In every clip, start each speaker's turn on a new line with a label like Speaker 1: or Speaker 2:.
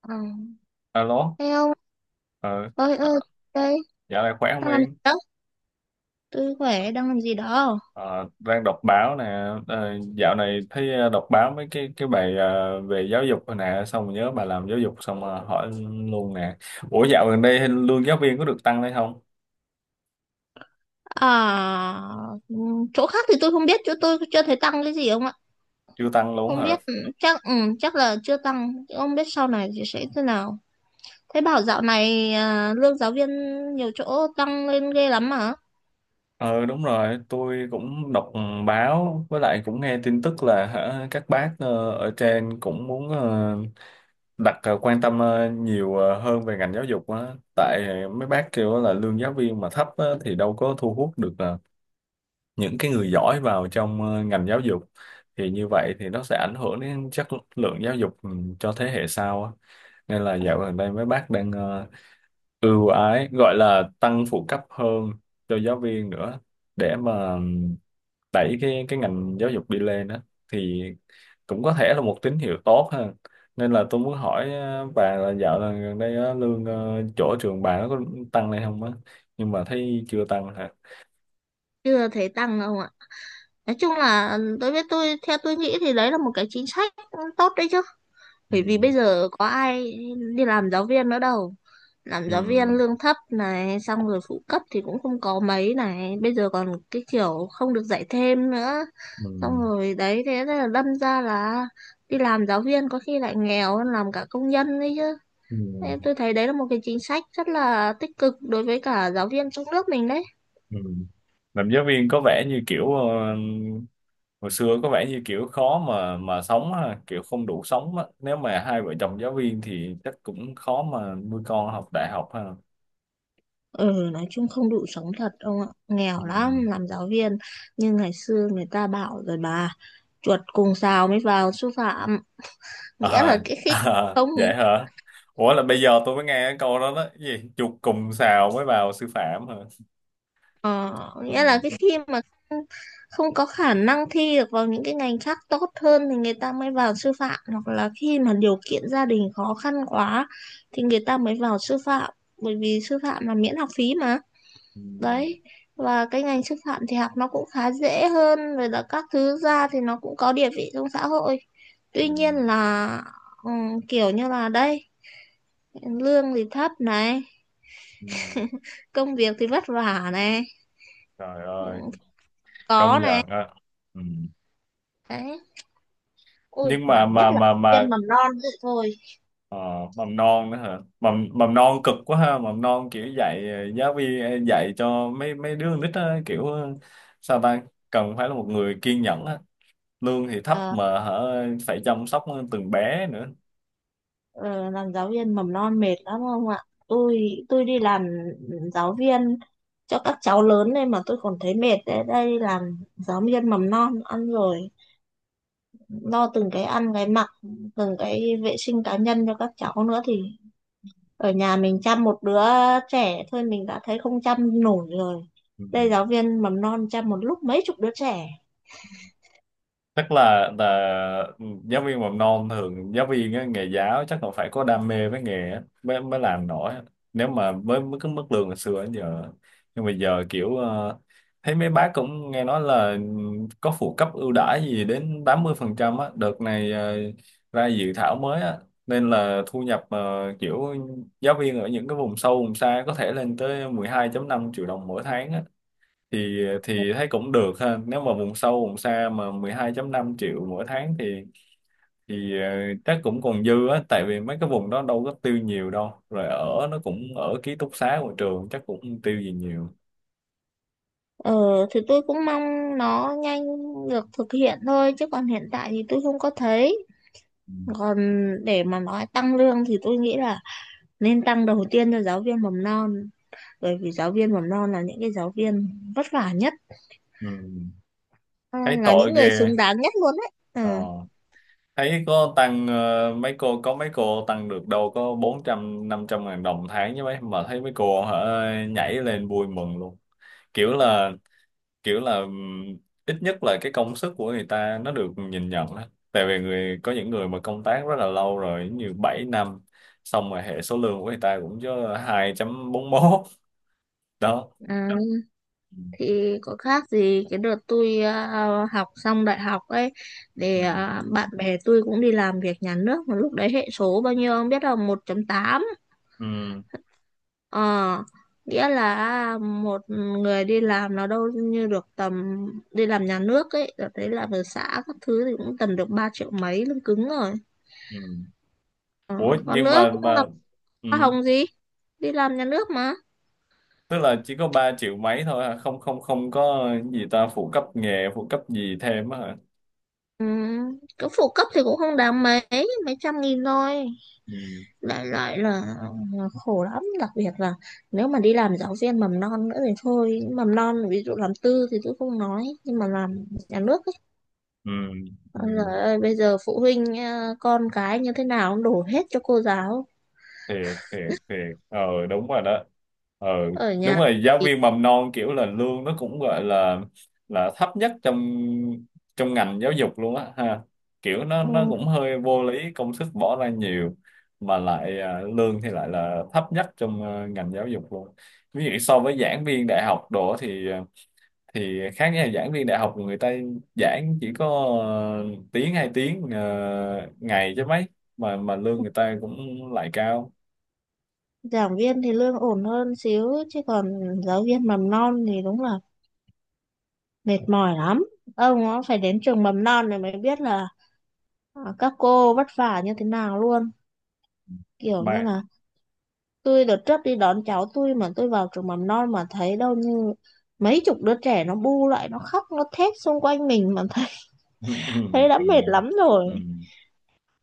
Speaker 1: Ờ.
Speaker 2: Alo,
Speaker 1: Thế ông
Speaker 2: ờ,
Speaker 1: ơi
Speaker 2: ờ,
Speaker 1: ơi đây
Speaker 2: dạo này khỏe không
Speaker 1: đang làm gì
Speaker 2: Yên?
Speaker 1: đó? Tôi khỏe, đang làm gì đó?
Speaker 2: Ờ, đang đọc báo nè, dạo này thấy đọc báo mấy cái bài về giáo dục rồi nè, xong rồi nhớ bà làm giáo dục xong hỏi luôn nè. Ủa dạo gần đây lương giáo viên có được tăng hay không?
Speaker 1: à Chỗ khác thì tôi không biết, chỗ tôi chưa thấy tăng cái gì ông ạ.
Speaker 2: Chưa tăng luôn
Speaker 1: Không
Speaker 2: hả?
Speaker 1: biết, chắc chắc là chưa tăng, ông biết sau này thì sẽ thế nào. Thế bảo dạo này lương giáo viên nhiều chỗ tăng lên ghê lắm mà.
Speaker 2: Ờ đúng rồi, tôi cũng đọc báo với lại cũng nghe tin tức là hả, các bác ở trên cũng muốn đặt quan tâm nhiều hơn về ngành giáo dục á, tại mấy bác kêu là lương giáo viên mà thấp á, thì đâu có thu hút được những cái người giỏi vào trong ngành giáo dục, thì như vậy thì nó sẽ ảnh hưởng đến chất lượng giáo dục cho thế hệ sau á. Nên là dạo gần đây mấy bác đang ưu ái gọi là tăng phụ cấp hơn cho giáo viên nữa để mà đẩy cái ngành giáo dục đi lên đó, thì cũng có thể là một tín hiệu tốt ha. Nên là tôi muốn hỏi bà là dạo là gần đây á, lương chỗ trường bà nó có tăng lên không á, nhưng mà thấy chưa tăng hả?
Speaker 1: Chưa thấy tăng đâu ạ. Nói chung là tôi biết tôi theo tôi nghĩ thì đấy là một cái chính sách tốt đấy chứ.
Speaker 2: Ừ.
Speaker 1: Bởi vì bây giờ có ai đi làm giáo viên nữa đâu, làm
Speaker 2: Ừ.
Speaker 1: giáo viên lương thấp này, xong rồi phụ cấp thì cũng không có mấy này, bây giờ còn cái kiểu không được dạy thêm nữa, xong
Speaker 2: Ừ.
Speaker 1: rồi đấy, thế là đâm ra là đi làm giáo viên có khi lại nghèo hơn làm cả công nhân đấy chứ.
Speaker 2: Ừ.
Speaker 1: Em tôi thấy đấy là một cái chính sách rất là tích cực đối với cả giáo viên trong nước mình đấy.
Speaker 2: Ừ. Làm giáo viên có vẻ như kiểu hồi xưa có vẻ như kiểu khó mà sống ha, kiểu không đủ sống á, nếu mà hai vợ chồng giáo viên thì chắc cũng khó mà nuôi con học đại học ha.
Speaker 1: Ừ, nói chung không đủ sống thật ông ạ, nghèo
Speaker 2: Ừ.
Speaker 1: lắm làm giáo viên. Nhưng ngày xưa người ta bảo rồi bà, chuột cùng sào mới vào sư phạm. nghĩa là
Speaker 2: À,
Speaker 1: cái khi
Speaker 2: à,
Speaker 1: không
Speaker 2: vậy hả? Ủa là bây giờ tôi mới nghe cái câu đó đó. Cái gì? Chuột cùng sào mới vào sư phạm hả?
Speaker 1: ờ, Nghĩa là
Speaker 2: Ừ.
Speaker 1: cái khi mà không, không có khả năng thi được vào những cái ngành khác tốt hơn thì người ta mới vào sư phạm, hoặc là khi mà điều kiện gia đình khó khăn quá thì người ta mới vào sư phạm, bởi vì sư phạm là miễn học phí mà.
Speaker 2: Ừ.
Speaker 1: Đấy, và cái ngành sư phạm thì học nó cũng khá dễ, hơn rồi là các thứ ra thì nó cũng có địa vị trong xã hội.
Speaker 2: Ừ.
Speaker 1: Tuy nhiên là ừ, kiểu như là đây, lương thì thấp này,
Speaker 2: Ừ.
Speaker 1: công việc thì vất vả này.
Speaker 2: Trời
Speaker 1: Ừ,
Speaker 2: ơi, công
Speaker 1: có này,
Speaker 2: nhận á. Ừ.
Speaker 1: đấy. Ôi,
Speaker 2: Nhưng mà
Speaker 1: mà nhất là giáo viên mầm non vậy thôi.
Speaker 2: ờ, mầm non nữa hả? Mầm mầm non cực quá ha, mầm non kiểu dạy giáo viên dạy cho mấy mấy đứa con nít á, kiểu sao ta, cần phải là một người kiên nhẫn á. Lương thì thấp mà hả, phải chăm sóc từng bé nữa.
Speaker 1: Ờ, làm giáo viên mầm non mệt lắm không ạ? Tôi tôi đi làm giáo viên cho các cháu lớn nên mà tôi còn thấy mệt đấy. Đây làm giáo viên mầm non ăn rồi lo từng cái ăn cái mặc, từng cái vệ sinh cá nhân cho các cháu nữa thì ở nhà mình chăm một đứa trẻ thôi mình đã thấy không chăm nổi rồi.
Speaker 2: Ừ.
Speaker 1: Đây giáo viên mầm non chăm một lúc mấy chục đứa trẻ.
Speaker 2: Chắc là giáo viên mầm non thường giáo viên á, nghề giáo chắc là phải có đam mê với nghề á, mới mới làm nổi á. Nếu mà với cái mức lương hồi xưa đến giờ, nhưng mà giờ kiểu thấy mấy bác cũng nghe nói là có phụ cấp ưu đãi gì đến 80 phần trăm á, đợt này ra dự thảo mới á, nên là thu nhập kiểu giáo viên ở những cái vùng sâu vùng xa có thể lên tới 12 năm triệu đồng mỗi tháng, thì thấy cũng được ha, nếu mà vùng sâu vùng xa mà 12.5 triệu mỗi tháng thì chắc cũng còn dư á, tại vì mấy cái vùng đó đâu có tiêu nhiều đâu, rồi ở nó cũng ở ký túc xá của trường chắc cũng không tiêu gì nhiều.
Speaker 1: Ờ, thì tôi cũng mong nó nhanh được thực hiện thôi, chứ còn hiện tại thì tôi không có thấy.
Speaker 2: Ừ.
Speaker 1: Còn để mà nói tăng lương thì tôi nghĩ là nên tăng đầu tiên cho giáo viên mầm non, bởi vì giáo viên mầm non là những cái giáo viên vất vả nhất,
Speaker 2: Ừ. Thấy
Speaker 1: là
Speaker 2: tội
Speaker 1: những người
Speaker 2: ghê
Speaker 1: xứng đáng nhất luôn đấy. Ừ.
Speaker 2: ờ. Thấy có tăng mấy cô có mấy cô tăng được đâu có 400 500 ngàn đồng tháng với mấy, mà thấy mấy cô hả nhảy lên vui mừng luôn, kiểu là kiểu là ít nhất là cái công sức của người ta nó được nhìn nhận á, tại vì người có những người mà công tác rất là lâu rồi như 7 năm xong rồi hệ số lương của người ta cũng chứ 2.41 đó.
Speaker 1: Ừ,
Speaker 2: Ừ.
Speaker 1: thì có khác gì cái đợt tôi học xong đại học ấy,
Speaker 2: Ừ.
Speaker 1: bạn bè tôi cũng đi làm việc nhà nước mà lúc đấy hệ số bao nhiêu không biết, là 1,8.
Speaker 2: Ừ.
Speaker 1: Ờ, nghĩa là một người đi làm nó đâu như được tầm đi làm nhà nước ấy, rồi thấy làm ở xã các thứ thì cũng tầm được 3 triệu mấy lương cứng rồi.
Speaker 2: Ừ.
Speaker 1: Ờ,
Speaker 2: Ủa
Speaker 1: còn
Speaker 2: nhưng
Speaker 1: nữa cũng làm
Speaker 2: mà ừ.
Speaker 1: hoa hồng gì, đi làm nhà nước mà.
Speaker 2: Tức là chỉ có 3 triệu mấy thôi hả, không không không có gì ta, phụ cấp nghề phụ cấp gì thêm á hả?
Speaker 1: Ừ, cái phụ cấp thì cũng không đáng mấy, mấy trăm nghìn thôi.
Speaker 2: Ừ.
Speaker 1: Đại loại là khổ lắm, đặc biệt là nếu mà đi làm giáo viên mầm non nữa thì thôi, mầm non ví dụ làm tư thì tôi không nói, nhưng mà làm nhà nước,
Speaker 2: Ừ. Ừ.
Speaker 1: ôi giời ơi, bây giờ phụ huynh con cái như thế nào cũng đổ hết cho cô giáo.
Speaker 2: thiệt thiệt thiệt ờ đúng rồi đó, ờ
Speaker 1: Ở
Speaker 2: đúng
Speaker 1: nhà
Speaker 2: rồi, giáo
Speaker 1: thì
Speaker 2: viên mầm non kiểu là lương nó cũng gọi là thấp nhất trong trong ngành giáo dục luôn á ha, kiểu nó
Speaker 1: ừ,
Speaker 2: cũng hơi vô lý, công sức bỏ ra nhiều mà lại à, lương thì lại là thấp nhất trong ngành giáo dục luôn, ví dụ so với giảng viên đại học đồ thì thì khác nha, giảng viên đại học người ta giảng chỉ có ờ, tiếng hai tiếng ngày chứ mấy, mà lương người ta cũng lại cao
Speaker 1: giảng viên thì lương ổn hơn xíu, chứ còn giáo viên mầm non thì đúng là mệt mỏi lắm. Ông nó phải đến trường mầm non này mới biết là các cô vất vả như thế nào luôn. Kiểu như
Speaker 2: mà.
Speaker 1: là tôi đợt trước đi đón cháu tôi mà tôi vào trường mầm non mà thấy đâu như mấy chục đứa trẻ nó bu lại, nó khóc nó thét xung quanh mình mà thấy,
Speaker 2: Ừ, ừ,
Speaker 1: thấy đã
Speaker 2: ừ,
Speaker 1: mệt lắm
Speaker 2: ừ,
Speaker 1: rồi,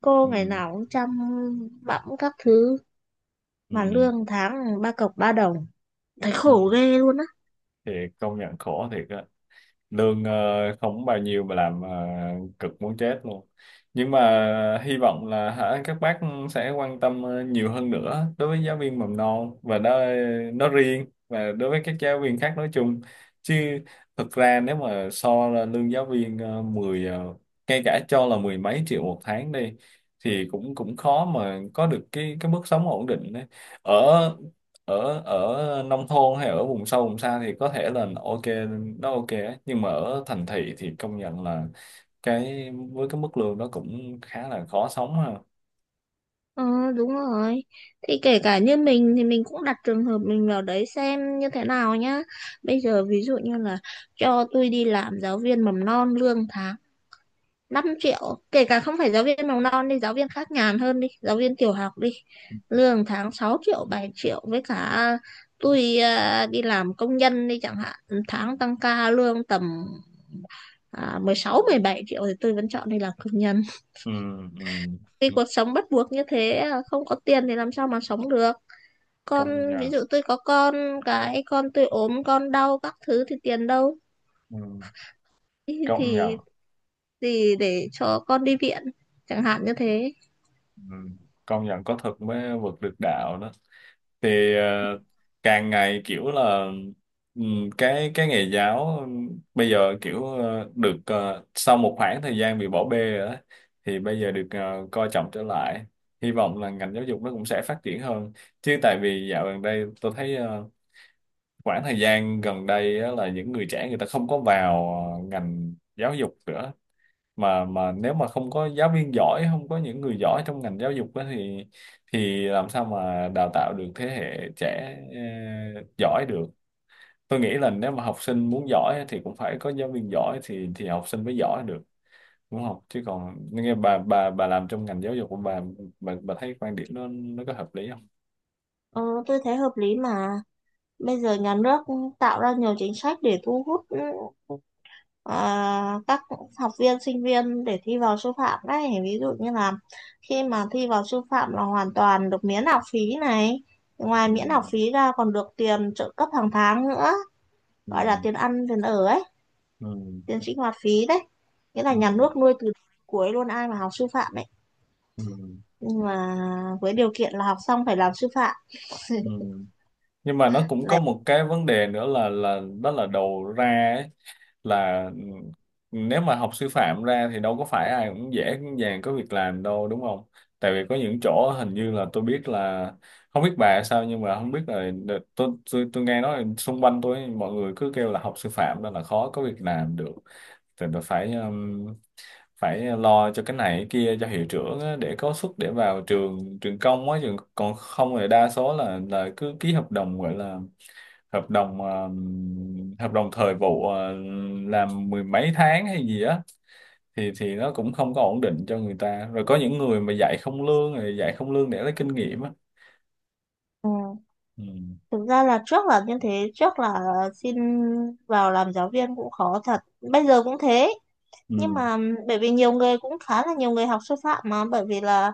Speaker 1: cô
Speaker 2: ừ,
Speaker 1: ngày nào cũng chăm bẵm các thứ mà
Speaker 2: ừ,
Speaker 1: lương tháng ba cọc ba đồng, thấy
Speaker 2: ừ.
Speaker 1: khổ ghê luôn á.
Speaker 2: Thì công nhận khổ thiệt á. Lương không bao nhiêu mà làm cực muốn chết luôn, nhưng mà hy vọng là hả các bác sẽ quan tâm nhiều hơn nữa đối với giáo viên mầm non và đó nó riêng, và đối với các giáo viên khác nói chung. Chứ thực ra nếu mà so là lương giáo viên 10 ngay cả cho là mười mấy triệu một tháng đi thì cũng cũng khó mà có được cái mức sống ổn định đấy, ở ở ở nông thôn hay ở vùng sâu vùng xa thì có thể là ok, nó ok ấy. Nhưng mà ở thành thị thì công nhận là cái với cái mức lương đó cũng khá là khó sống ha.
Speaker 1: Ờ đúng rồi, thì kể cả như mình thì mình cũng đặt trường hợp mình vào đấy xem như thế nào nhá. Bây giờ ví dụ như là cho tôi đi làm giáo viên mầm non lương tháng 5 triệu, kể cả không phải giáo viên mầm non đi, giáo viên khác nhàn hơn đi, giáo viên tiểu học đi, lương tháng 6 triệu 7 triệu, với cả tôi đi làm công nhân đi chẳng hạn, tháng tăng ca lương tầm 16, 17 triệu, thì tôi vẫn chọn đi làm công nhân.
Speaker 2: Ừ, ừ.
Speaker 1: Vì
Speaker 2: Ừ.
Speaker 1: cuộc sống bắt buộc như thế không có tiền thì làm sao mà sống được.
Speaker 2: Công
Speaker 1: Con ví
Speaker 2: nhận
Speaker 1: dụ tôi có con, cái con tôi ốm con đau các thứ thì tiền đâu
Speaker 2: ừ.
Speaker 1: thì
Speaker 2: Công nhận
Speaker 1: thì, thì để cho con đi viện chẳng hạn như thế.
Speaker 2: ừ. Công nhận có thực mới vượt được đạo đó. Thì càng ngày kiểu là cái nghề giáo bây giờ kiểu được sau một khoảng thời gian bị bỏ bê rồi đó, thì bây giờ được coi trọng trở lại, hy vọng là ngành giáo dục nó cũng sẽ phát triển hơn. Chứ tại vì dạo gần đây tôi thấy khoảng thời gian gần đây á, là những người trẻ người ta không có vào ngành giáo dục nữa, mà nếu mà không có giáo viên giỏi, không có những người giỏi trong ngành giáo dục á thì làm sao mà đào tạo được thế hệ trẻ giỏi được. Tôi nghĩ là nếu mà học sinh muốn giỏi á, thì cũng phải có giáo viên giỏi thì học sinh mới giỏi được, đúng không? Chứ còn nghe bà làm trong ngành giáo dục của bà, bà thấy quan điểm nó có hợp lý không?
Speaker 1: Ờ, tôi thấy hợp lý mà. Bây giờ nhà nước tạo ra nhiều chính sách để thu hút các học viên sinh viên để thi vào sư phạm đấy, ví dụ như là khi mà thi vào sư phạm là hoàn toàn được miễn học phí này, ngoài
Speaker 2: Ừ,
Speaker 1: miễn học phí ra còn được tiền trợ cấp hàng tháng nữa, gọi là
Speaker 2: ừ,
Speaker 1: tiền ăn tiền ở ấy,
Speaker 2: ừ,
Speaker 1: tiền sinh hoạt phí đấy, nghĩa là nhà
Speaker 2: ừ,
Speaker 1: nước nuôi từ cuối luôn ai mà học sư phạm ấy,
Speaker 2: ừ,
Speaker 1: nhưng mà với điều kiện là học xong phải làm sư phạm.
Speaker 2: ừ. Nhưng mà nó cũng có
Speaker 1: lại
Speaker 2: một cái vấn đề nữa là đó là đầu ra ấy, là nếu mà học sư phạm ra thì đâu có phải ai cũng dễ cũng dàng có việc làm đâu đúng không? Tại vì có những chỗ hình như là tôi biết là, không biết bà sao nhưng mà không biết là tôi nghe nói là xung quanh tôi mọi người cứ kêu là học sư phạm nên là khó có việc làm được, thì tôi phải phải lo cho cái này cái kia cho hiệu trưởng á, để có suất để vào trường trường công á trường, còn không thì đa số là cứ ký hợp đồng gọi là hợp đồng thời vụ làm mười mấy tháng hay gì á, thì nó cũng không có ổn định cho người ta, rồi có những người mà dạy không lương, rồi dạy không lương để lấy kinh nghiệm á. Ừ.
Speaker 1: Thực ra là trước là như thế, trước là xin vào làm giáo viên cũng khó thật, bây giờ cũng thế, nhưng
Speaker 2: Ừ.
Speaker 1: mà bởi vì nhiều người cũng khá là nhiều người học sư phạm mà, bởi vì là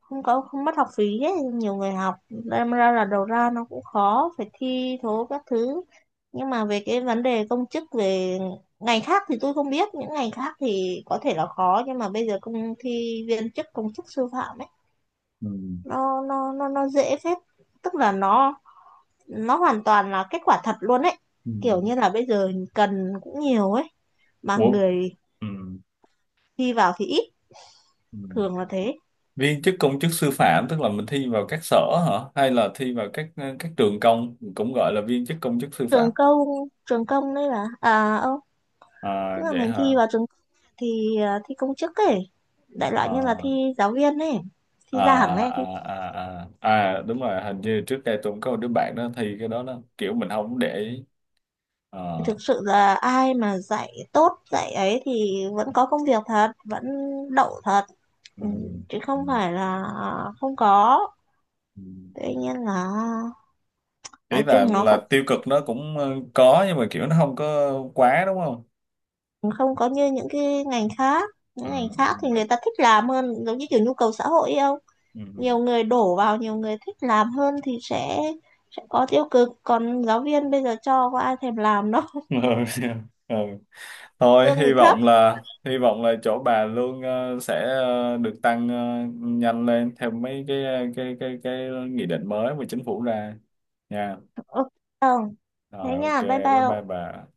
Speaker 1: không mất học phí ấy, nhiều người học đâm ra là đầu ra nó cũng khó, phải thi thố các thứ. Nhưng mà về cái vấn đề công chức, về ngành khác thì tôi không biết, những ngành khác thì có thể là khó, nhưng mà bây giờ công, thi viên chức công chức sư phạm ấy,
Speaker 2: Ừ.
Speaker 1: nó dễ phết. Tức là nó hoàn toàn là kết quả thật luôn ấy,
Speaker 2: Ừ.
Speaker 1: kiểu như là bây giờ cần cũng nhiều ấy mà
Speaker 2: Ủa?
Speaker 1: người
Speaker 2: Ừ.
Speaker 1: thi vào thì ít,
Speaker 2: Ừ.
Speaker 1: thường là thế.
Speaker 2: Viên chức công chức sư phạm tức là mình thi vào các sở hả, hay là thi vào các các trường công cũng gọi là viên chức công chức sư phạm?
Speaker 1: Trường công, trường công đấy là à ô, tức
Speaker 2: À,
Speaker 1: là
Speaker 2: vậy
Speaker 1: mình thi
Speaker 2: hả?
Speaker 1: vào trường thì thi công chức ấy, đại loại như là
Speaker 2: à,
Speaker 1: thi giáo viên ấy,
Speaker 2: à,
Speaker 1: thi giảng ấy thì
Speaker 2: à, à, à. À đúng rồi, hình như trước đây tôi cũng có một đứa bạn đó thi cái đó đó, kiểu mình không để ý.
Speaker 1: thực
Speaker 2: Ờ.
Speaker 1: sự là ai mà dạy tốt dạy ấy thì vẫn có công việc thật, vẫn đậu thật.
Speaker 2: Ừ.
Speaker 1: Ừ, chứ
Speaker 2: Ừ.
Speaker 1: không phải là không có.
Speaker 2: Ừ.
Speaker 1: Tuy nhiên là
Speaker 2: Ý
Speaker 1: nói chung nó vẫn
Speaker 2: là tiêu cực nó cũng có, nhưng mà kiểu nó không có quá đúng không?
Speaker 1: không có như những cái ngành khác,
Speaker 2: Ừ.
Speaker 1: những ngành khác thì người ta thích làm hơn, giống như kiểu nhu cầu xã hội ấy không,
Speaker 2: Ừ.
Speaker 1: nhiều người đổ vào, nhiều người thích làm hơn thì sẽ có tiêu cực, còn giáo viên bây giờ cho có ai thèm làm đâu,
Speaker 2: Ừ. Ừ. Thôi
Speaker 1: lương thì
Speaker 2: hy
Speaker 1: thấp.
Speaker 2: vọng là, hy vọng là chỗ bà lương sẽ được tăng nhanh lên theo mấy cái cái nghị định mới mà chính phủ ra nha.
Speaker 1: Ừ. Không, thế
Speaker 2: Rồi ok
Speaker 1: nha, bye
Speaker 2: bye bye
Speaker 1: bye.
Speaker 2: bà.